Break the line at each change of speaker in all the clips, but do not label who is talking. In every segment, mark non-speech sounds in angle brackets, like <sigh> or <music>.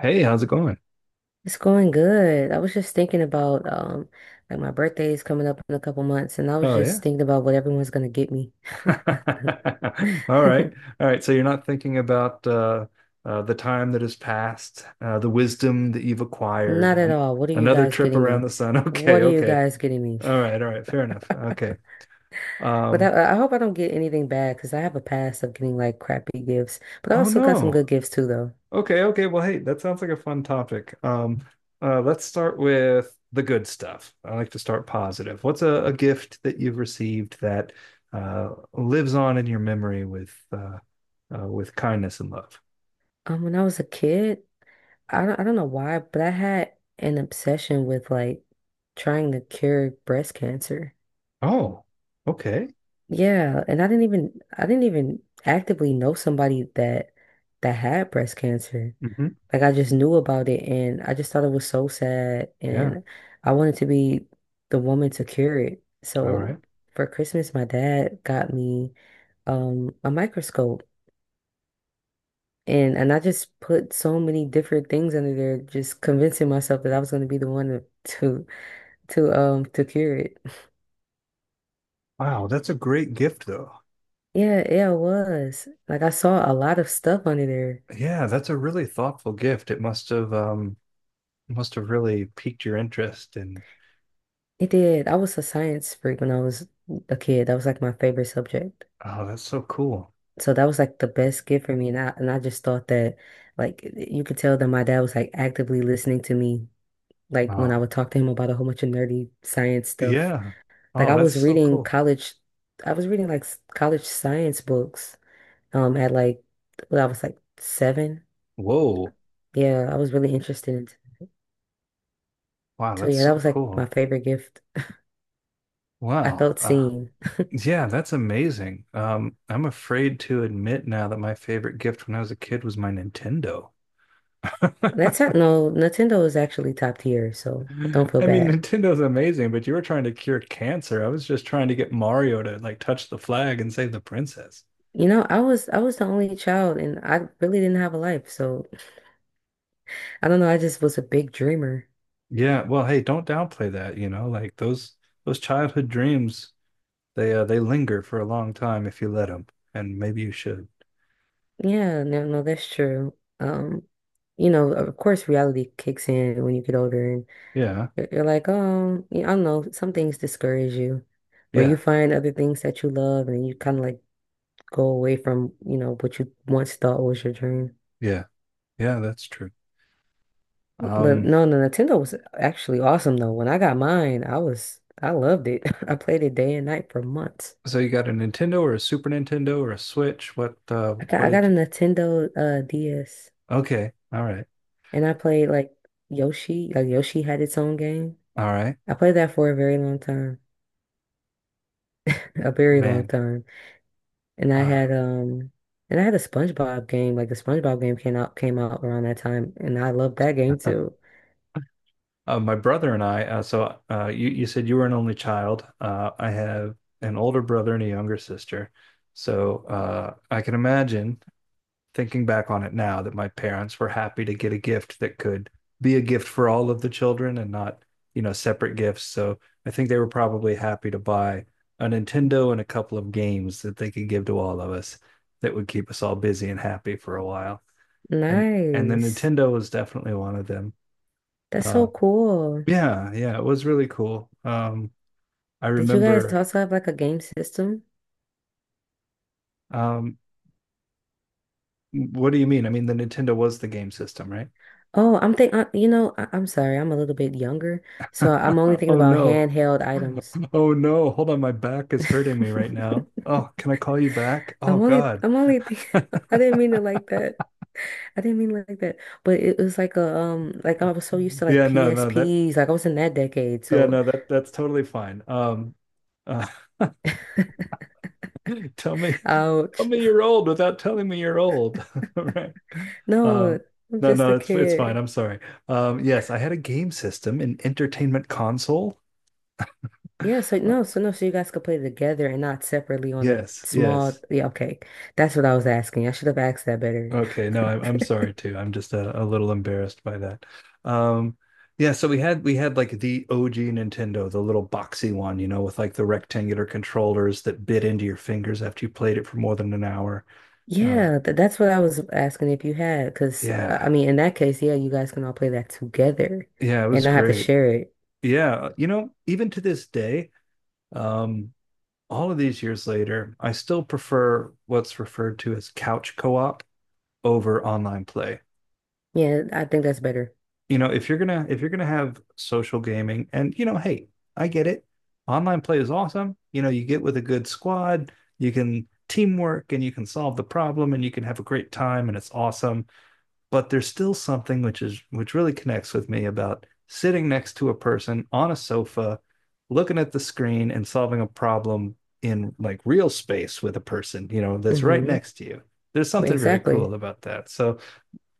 Hey, how's it going?
It's going good. I was just thinking about like my birthday is coming up in a couple months and I was
Oh yeah.
just thinking about what everyone's gonna get me.
<laughs> All right.
<laughs>
All right. So you're not thinking about the time that has passed, the wisdom that you've acquired,
Not at
an
all. What are you
another
guys
trip
getting
around
me?
the sun. <laughs> Okay.
What are you
Okay.
guys getting me? <laughs>
All right. All right. Fair enough. Okay.
But
Um,
I hope I don't get anything bad because I have a past of getting like crappy gifts. But I
oh
also got some
no.
good gifts too though.
Okay. Okay. Well, hey, that sounds like a fun topic. Let's start with the good stuff. I like to start positive. What's a gift that you've received that lives on in your memory with kindness and love?
When I was a kid, I don't know why, but I had an obsession with like trying to cure breast cancer.
Oh, okay.
Yeah, and I didn't even actively know somebody that had breast cancer.
Hmm.
Like I just knew about it and I just thought it was so sad
Yeah.
and I wanted to be the woman to cure it.
All right.
So for Christmas my dad got me a microscope and I just put so many different things under there just convincing myself that I was going to be the one to to cure it.
Wow, that's a great gift though.
Yeah, yeah, it was. Like I saw a lot of stuff under there.
Yeah, that's a really thoughtful gift. It must have really piqued your interest and
It did. I was a science freak when I was a kid. That was like my favorite subject.
oh, that's so cool.
So that was like the best gift for me. And I just thought that like you could tell that my dad was like actively listening to me, like when I
Oh,
would talk to him about a whole bunch of nerdy science stuff.
yeah.
Like
Oh,
I
that's
was
so
reading
cool.
college I was reading like college science books at like when I was like seven.
Whoa.
Yeah, I was really interested in
Wow,
so
that's
yeah, that
so
was like my
cool.
favorite gift. I
Wow.
felt seen.
Yeah, that's amazing. I'm afraid to admit now that my favorite gift when I was a kid was my Nintendo.
That's not, no, Nintendo is actually top tier, so don't
<laughs>
feel
I mean,
bad.
Nintendo's amazing, but you were trying to cure cancer. I was just trying to get Mario to like touch the flag and save the princess.
You know, I was the only child and I really didn't have a life, so I don't know, I just was a big dreamer.
Yeah, well, hey, don't downplay that, you know, like those childhood dreams, they linger for a long time if you let them, and maybe you should.
Yeah, no, no, that's true. Um, you know, of course reality kicks in when you get older and
Yeah.
you're like, oh, you I don't know, some things discourage you or
Yeah.
you find other things that you love and you kind of like go away from, you know, what you once thought was your dream.
Yeah. Yeah, that's true.
But
Um,
no, the Nintendo was actually awesome though. When I got mine, I loved it. <laughs> I played it day and night for months.
so you got a Nintendo or a Super Nintendo or a Switch?
I got
What
I got
did
a
you?
Nintendo DS
Okay. All right.
and I played like Yoshi. Like Yoshi had its own game.
All right.
I played that for a very long time. <laughs> A very long
Man.
time. And I
Uh.
had a SpongeBob game. Like the SpongeBob game came out around that time and I loved that game
<laughs>
too.
My brother and I, you, said you were an only child. I have an older brother and a younger sister. So I can imagine, thinking back on it now, that my parents were happy to get a gift that could be a gift for all of the children and not, you know, separate gifts. So I think they were probably happy to buy a Nintendo and a couple of games that they could give to all of us that would keep us all busy and happy for a while. And and the
Nice.
Nintendo was definitely one of them.
That's
Uh,
so cool.
yeah, yeah, it was really cool. I
Did you guys
remember.
also have like a game system?
Um, what do you mean? I mean, the Nintendo was the game system, right?
Oh, I'm sorry, I'm a little bit younger, so I'm only
<laughs>
thinking
Oh
about
no.
handheld items.
Oh no. Hold on, my back is hurting me right now. Oh,
<laughs>
can I call you back? Oh God.
I'm only think <laughs> I
<laughs>
didn't mean it like that. I didn't mean it like that. But it was like a like I was so used to like
Yeah, no, no, that
PSPs, like I was in that decade.
yeah,
So,
no, that that's totally fine. Uh, <laughs> tell me, tell
ouch.
me
<laughs>
you're old without telling me you're old, <laughs> right?
No,
Um,
I'm
no,
just
no,
a
it's fine.
kid.
I'm sorry. Yes, I had a game system, an entertainment console.
Yeah, so
Uh,
no, so no, so you guys could play together and not separately on a
Yes,
small.
yes.
Yeah, okay. That's what I was asking. I should have asked that better.
Okay, no, I'm sorry
<laughs>
too. I'm just a little embarrassed by that. Um, yeah, so we had like the OG Nintendo, the little boxy one, you know, with like the rectangular controllers that bit into your fingers after you played it for more than an hour. Uh,
Yeah, th that's what I was asking if you had, because I
yeah,
mean, in that case, yeah, you guys can all play that together
yeah, it
and
was
not have to
great.
share it.
Yeah, you know, even to this day, um, all of these years later, I still prefer what's referred to as couch co-op over online play.
Yeah, I think that's better.
You know if you're gonna have social gaming and you know, hey, I get it. Online play is awesome. You know, you get with a good squad, you can teamwork and you can solve the problem and you can have a great time and it's awesome. But there's still something which is which really connects with me about sitting next to a person on a sofa, looking at the screen and solving a problem in like real space with a person, you know, that's right
Mm-hmm.
next to you. There's something very
Exactly.
cool about that. So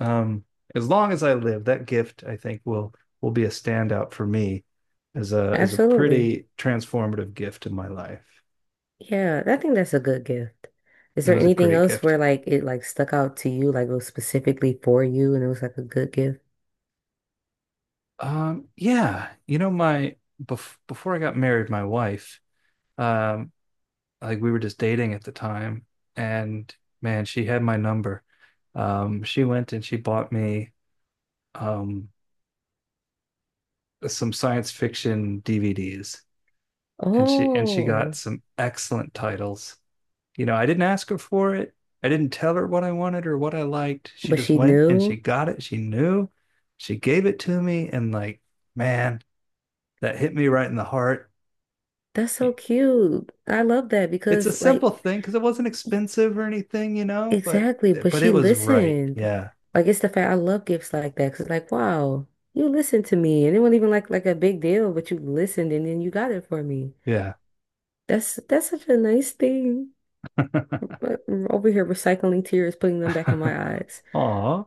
um, as long as I live, that gift I think will be a standout for me as a
Absolutely.
pretty transformative gift in my life.
Yeah, I think that's a good gift. Is
It
there
was a
anything
great
else where
gift.
like it like stuck out to you, like it was specifically for you and it was like a good gift?
Yeah, you know, my before I got married, my wife, um, like we were just dating at the time, and man, she had my number. She went and she bought me um some science fiction DVDs, and she
Oh,
got some excellent titles. You know, I didn't ask her for it. I didn't tell her what I wanted or what I liked. She
but
just
she
went and she
knew.
got it. She knew. She gave it to me. And like, man, that hit me right in the heart.
That's so cute. I love that
It's a
because
simple
like
thing because it wasn't expensive or anything, you know,
exactly, but
but it
she
was right.
listened.
Yeah.
Like it's the fact I love gifts like that 'cause it's like, wow, you listened to me and it wasn't even like a big deal, but you listened and then you got it for me.
Yeah.
That's such a nice thing.
<laughs>
But over here recycling tears, putting them back in my eyes.
Aw.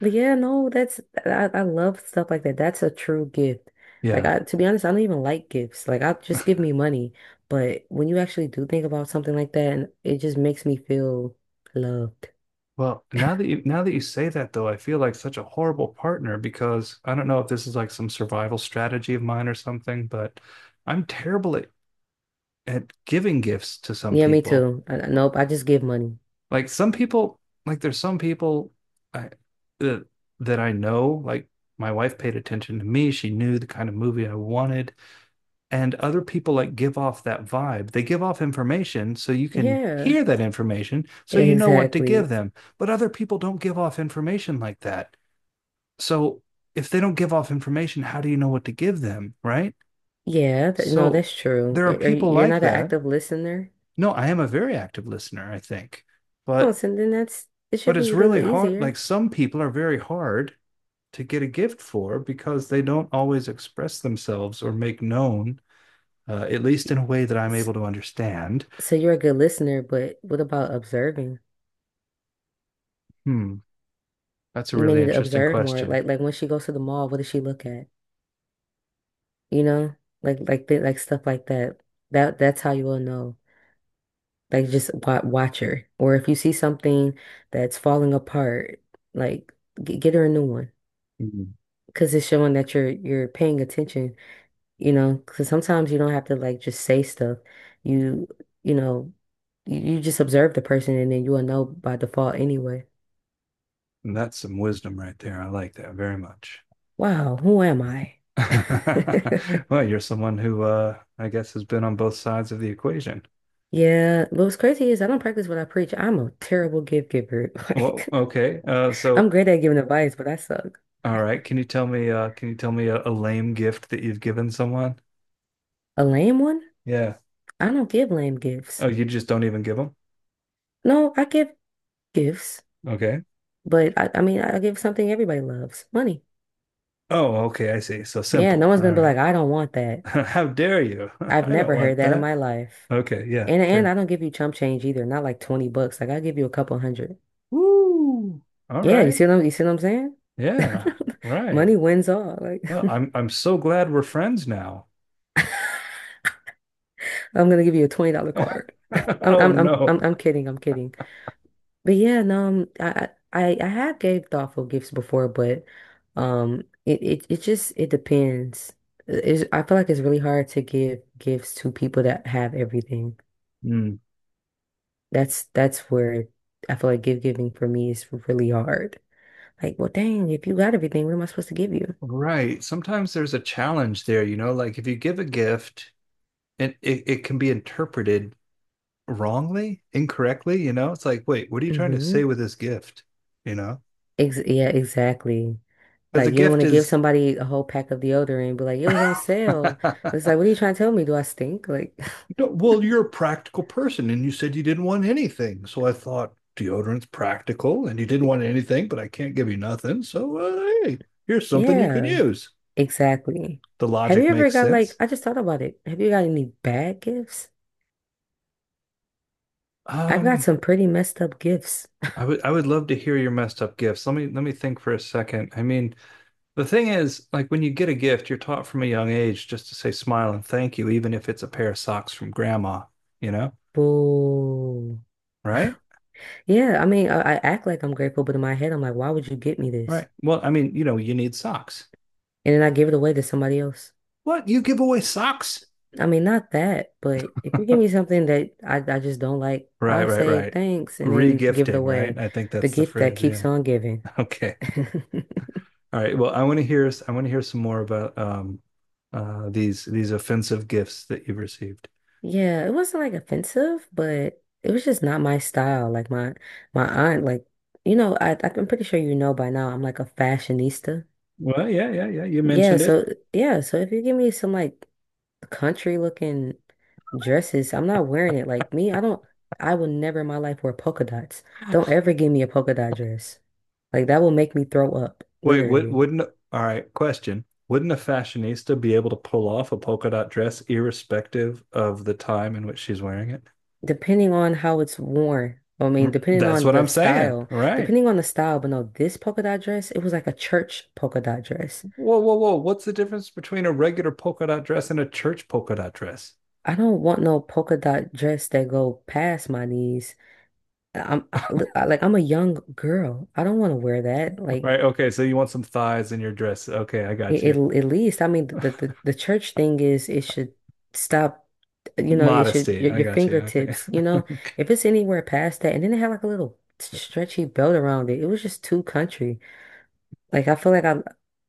But yeah, no, that's I love stuff like that. That's a true gift. Like
Yeah.
I, to be honest, I don't even like gifts. Like I just give me money. But when you actually do think about something like that, and it just makes me feel loved.
Well, now that you say that though, I feel like such a horrible partner because I don't know if this is like some survival strategy of mine or something, but I'm terrible at giving gifts to some
Yeah, me
people.
too. Nope, I just give money.
Like some people, there's some people I that that I know, like my wife paid attention to me. She knew the kind of movie I wanted. And other people like give off that vibe. They give off information so you can
Yeah,
hear that information so you know what to give
exactly.
them. But other people don't give off information like that. So if they don't give off information, how do you know what to give them? Right.
Yeah, th no,
So
that's true.
there are people
You're
like
not an
that.
active listener?
No, I am a very active listener, I think.
Oh,
But
so then that's it
but
should
it's
be a
really
little
hard.
easier.
Like some people are very hard to get a gift for because they don't always express themselves or make known, at least in
Y-
a way that I'm
s-
able to understand.
So you're a good listener, but what about observing?
Hmm, that's a
You may
really
need to
interesting
observe more.
question.
When she goes to the mall, what does she look at? You know, like stuff like that. That's how you will know. Like just wa watch her, or if you see something that's falling apart, like g get her a new one,
Mm.
because it's showing that you're paying attention. You know, because sometimes you don't have to like just say stuff. You you know, you just observe the person, and then you will know by default anyway.
And that's some wisdom right there. I like that very much.
Wow, who am I?
<laughs>
<laughs>
Well, you're someone who I guess has been on both sides of the equation.
Yeah, but what's crazy is I don't practice what I preach. I'm a terrible gift giver. <laughs>
Well,
Like,
okay.
I'm
So
great at giving advice, but I suck.
all right. Can you tell me can you tell me a lame gift that you've given someone?
A lame one?
Yeah.
I don't give lame
Oh,
gifts.
you just don't even give them?
No, I give gifts,
Okay.
but I mean, I give something everybody loves, money.
Oh, okay, I see. So
Yeah, no
simple.
one's
All
gonna be
right.
like, I don't want
<laughs>
that.
How dare you? <laughs>
I've
I don't
never heard
want
that in
that.
my life.
Okay, yeah,
And I
fair.
don't give you chump change either, not like 20 bucks. Like I give you a couple hundred.
Woo. All
Yeah,
right.
you see what I'm saying?
Yeah.
<laughs>
Right.
Money wins all. Like
Well, I'm so glad we're friends now.
<laughs> I'm gonna give you a $20 card. <laughs>
<laughs>
I'm
Oh
I'm I'm
no.
I'm I'm kidding, I'm kidding. But yeah, no, I have gave thoughtful gifts before, but it just it depends. It's, I feel like it's really hard to give gifts to people that have everything.
Hmm.
That's where I feel like gift giving for me is really hard. Like, well, dang, if you got everything, what am I supposed to give you?
Right. Sometimes there's a challenge there, you know, like if you give a gift and it can be interpreted wrongly, incorrectly, you know? It's like, wait, what are you trying to
Mm-hmm.
say with this gift? You know?
Ex yeah, exactly.
Because a
Like you don't want
gift
to give
is
somebody a whole pack of deodorant, but like it was on sale. But
<laughs>
it's like, what are you trying to tell me? Do I stink? Like,
well, you're a practical person and you said you didn't want anything. So I thought deodorant's practical and you didn't want
<laughs>
anything, but I can't give you nothing. So hey, here's something you could
yeah,
use.
exactly.
The
Have
logic
you ever
makes
got like,
sense.
I just thought about it. Have you got any bad gifts? I've got
Um,
some pretty messed up gifts.
I would love to hear your messed up gifts. Let me think for a second. I mean, the thing is, like when you get a gift, you're taught from a young age just to say smile and thank you, even if it's a pair of socks from grandma, you know?
Boo.
Right?
Yeah, I mean, I act like I'm grateful, but in my head, I'm like, why would you get me this?
Right. Well, I mean, you know, you need socks.
And then I give it away to somebody else.
What? You give away socks?
I mean, not that, but if you give me something that I just don't like,
Right,
I'll
right,
say
right.
thanks and then give it
Regifting, right?
away.
I think
The
that's the
gift that
phrase.
keeps
Yeah. <laughs>
on giving.
Okay.
<laughs>
All right. Well, I want to hear some more about these offensive gifts that you've received.
Yeah, it wasn't like offensive, but it was just not my style. Like my aunt, like you know, I'm pretty sure you know by now. I'm like a fashionista.
Well, yeah, yeah, yeah. You
Yeah,
mentioned it.
so yeah, so if you give me some like country looking dresses, I'm not wearing it. Like me, I don't. I will never in my life wear polka dots. Don't ever give me a polka dot dress. Like that will make me throw up,
Wait,
literally.
wouldn't all right, question. Wouldn't a fashionista be able to pull off a polka dot dress irrespective of the time in which she's wearing it?
Depending on how it's worn, I mean,
Mm.
depending
That's
on
what
the
I'm saying.
style,
All right.
depending on the style, but no, this polka dot dress, it was like a church polka dot dress.
Whoa, whoa, whoa. What's the difference between a regular polka dot dress and a church polka dot dress?
I don't want no polka dot dress that go past my knees. Look, like I'm a young girl. I don't want to wear that. Like
Right. Okay. So you want some thighs in your dress. Okay. I got
it
you.
at least, I mean,
<laughs>
the church thing is it should stop. You know, it should
Modesty. I
your
got you. Okay.
fingertips. You know,
<laughs>
if it's anywhere past that, and then it had like a little stretchy belt around it. It was just too country. Like I feel like I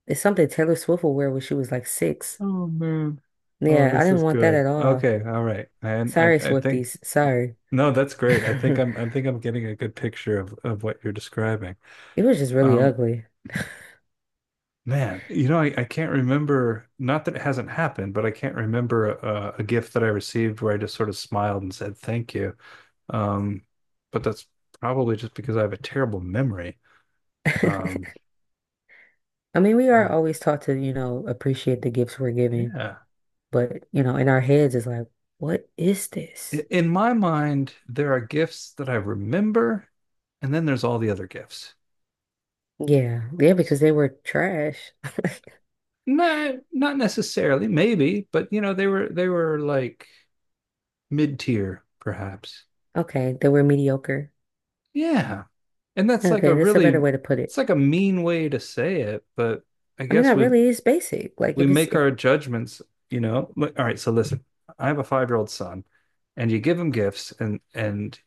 It's something Taylor Swift will wear when she was like six.
Oh, man. Oh,
Yeah, I
this
didn't
is
want that
good.
at all.
Okay. All right.
Sorry,
I think
Swifties. Sorry.
no, that's
<laughs>
great. I think I'm getting a good picture of what you're describing.
It was just really
Um,
ugly.
man, you know, I can't remember, not that it hasn't happened, but I can't remember a gift that I received where I just sort of smiled and said thank you. Um, but that's probably just because I have a terrible memory.
<laughs>
Um,
I mean, we are
man,
always taught to, you know, appreciate the gifts we're given,
yeah.
but you know, in our heads it's like, what is this?
I- In my mind, there are gifts that I remember, and then there's all the other gifts.
Yeah, yeah, because they were trash.
No, not necessarily, maybe, but you know, they were like mid tier, perhaps.
Okay, they were mediocre.
Yeah. And that's like a
Okay, that's a better
really
way to put
it's
it.
like a mean way to say it, but I
I mean,
guess
that really is basic. Like
we
if it's
make
if
our judgments, you know. All right, so listen, I have a 5-year old son, and you give him gifts, and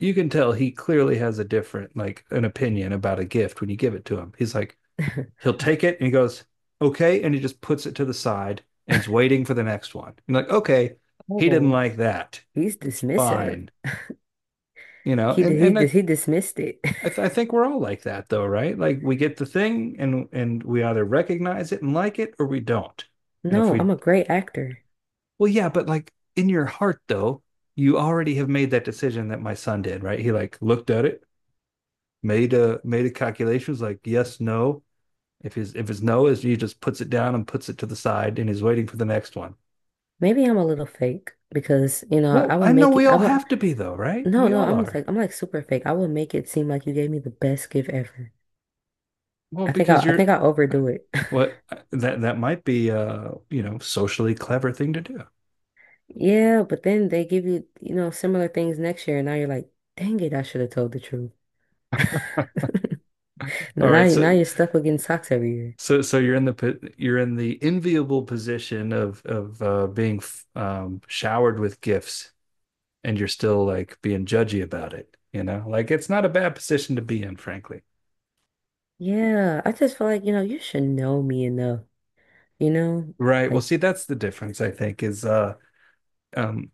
you can tell he clearly has a different like an opinion about a gift when you give it to him. He's like
<laughs>
he'll take it and he goes okay, and he just puts it to the side and is waiting for the next one. And like okay, he didn't
oh,
like that,
he's dismissive.
fine, you know.
He did he
And
did he dismissed it.
I, th- I think we're all like that though, right? Like we get the thing and we either recognize it and like it or we don't. And if
No,
we
I'm a great actor.
well, yeah, but like in your heart though, you already have made that decision that my son did, right? He like looked at it, made a calculation, was like yes, no. If his no, is he just puts it down and puts it to the side and he's waiting for the next one.
Maybe I'm a little fake because, you know,
Well, I know we
I
all
would,
have to be though, right?
no,
We
no,
all are.
I'm like super fake. I would make it seem like you gave me the best gift ever.
Well, because
I think
you're
I overdo it. <laughs>
what that might be you know, socially clever thing to do.
Yeah, but then they give you, you know, similar things next year, and now you're like, dang it, I should have told the truth. <laughs>
All right,
Now
so
you're stuck with getting socks every year.
So, so you're in the po- you're in the enviable position of being f- showered with gifts, and you're still like being judgy about it. You know, like it's not a bad position to be in, frankly.
Yeah, I just feel like, you know, you should know me enough, you know,
Right. Well,
like.
see, that's the difference, I think, is um,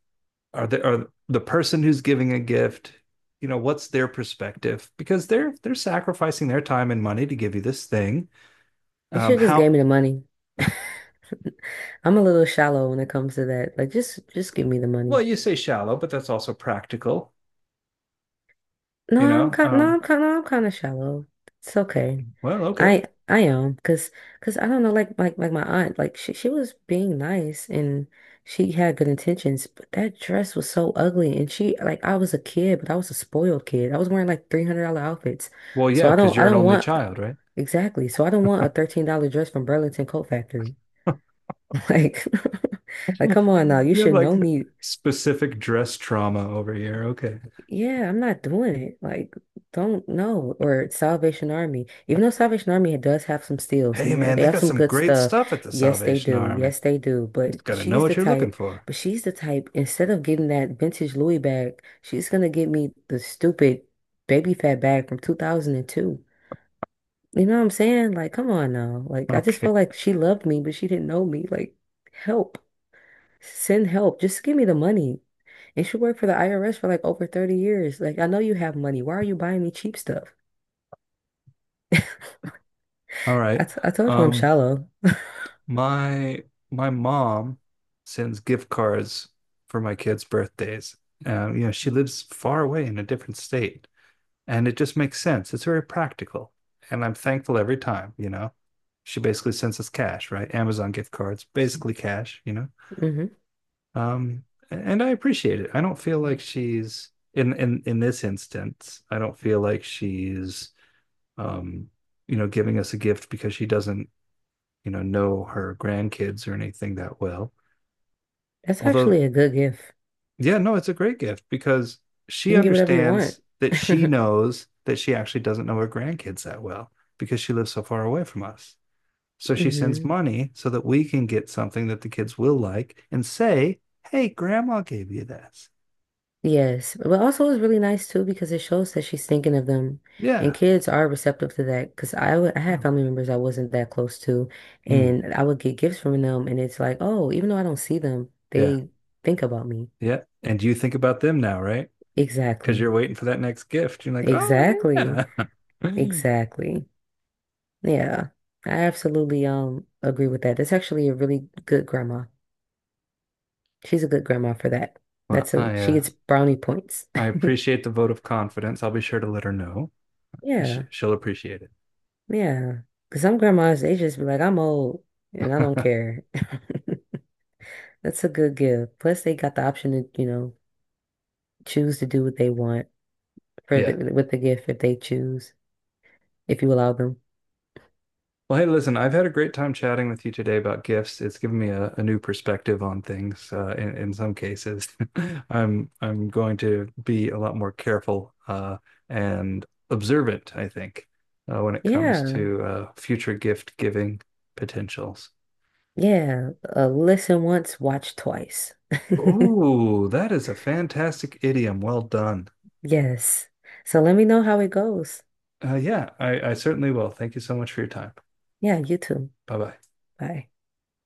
are the person who's giving a gift, you know, what's their perspective? Because they're sacrificing their time and money to give you this thing.
They should just gave
How
me the money. <laughs> I'm a little shallow when it comes to that. Like just give me the
well
money.
you say shallow, but that's also practical. You know, um,
No, I'm kind of shallow. It's okay.
well, okay.
I am because I don't know like my aunt like she was being nice and she had good intentions but that dress was so ugly and she like I was a kid but I was a spoiled kid. I was wearing like $300 outfits.
Well,
So
yeah, because
I
you're an
don't
only
want
child, right?
exactly. So I don't want a $13 dress from Burlington Coat Factory. Like, <laughs> like, come on now, you
You have
should
like
know me.
specific dress trauma over here. Okay.
Yeah, I'm not doing it. Like, don't know. Or Salvation Army. Even though Salvation Army does have some steals in
Hey,
there,
man,
they
they
have
got
some
some
good
great
stuff.
stuff at the
Yes, they
Salvation
do.
Army.
Yes, they do.
Just gotta know what you're looking for.
But
<laughs>
she's the type, instead of getting that vintage Louis bag, she's gonna get me the stupid baby fat bag from 2002. You know what I'm saying? Like, come on now. Like, I just felt
Okay.
like she loved me, but she didn't know me. Like, help. Send help. Just give me the money. You should work for the IRS for like over 30 years. Like, I know you have money. Why are you buying me cheap stuff? <laughs>
All right.
I told you I'm
Um,
shallow. <laughs>
my my mom sends gift cards for my kids' birthdays. You know, she lives far away in a different state, and it just makes sense. It's very practical, and I'm thankful every time, you know. She basically sends us cash, right? Amazon gift cards, basically cash, you know.
Hmm.
Um, and I appreciate it. I don't feel like she's in this instance. I don't feel like she's um, you know, giving us a gift because she doesn't, you know her grandkids or anything that well.
That's
Although,
actually a good gift.
yeah, no, it's a great gift because
You
she
can get whatever you want.
understands that she
<laughs>
knows that she actually doesn't know her grandkids that well because she lives so far away from us. So she sends
Hmm.
money so that we can get something that the kids will like and say, "Hey, grandma gave you this."
Yes, but also it's really nice too because it shows that she's thinking of them,
Yeah.
and kids are receptive to that. Because I would, I had
No.
family members I wasn't that close to,
Mm,
and I would get gifts from them, and it's like, oh, even though I don't see them,
yeah,
they think about me.
yeah. And you think about them now, right? Because
Exactly,
you're waiting for that next gift. You're like, oh
exactly,
yeah. <laughs>
exactly. Yeah, I absolutely agree with that. That's actually a really good grandma. She's a good grandma for that.
Well,
That's a she gets brownie points.
I
<laughs>
appreciate the vote of confidence. I'll be sure to let her know. She,
Yeah.
she'll appreciate it.
Yeah. Because some grandmas, they just be like, I'm old and I don't
<laughs>
care. <laughs> That's a good gift. Plus, they got the option to, you know, choose to do what they want for
Yeah.
the, with the gift if they choose, if you allow them.
Well, hey, listen, I've had a great time chatting with you today about gifts. It's given me a new perspective on things, in some cases. <laughs> I'm going to be a lot more careful, and observant, I think, when it comes
Yeah.
to future gift giving potentials.
Yeah. Listen once, watch twice. <laughs>
Oh, that is a fantastic idiom. Well done.
Yes. So let me know how it goes.
Yeah, I certainly will. Thank you so much for your time.
Yeah, you too.
Bye bye.
Bye.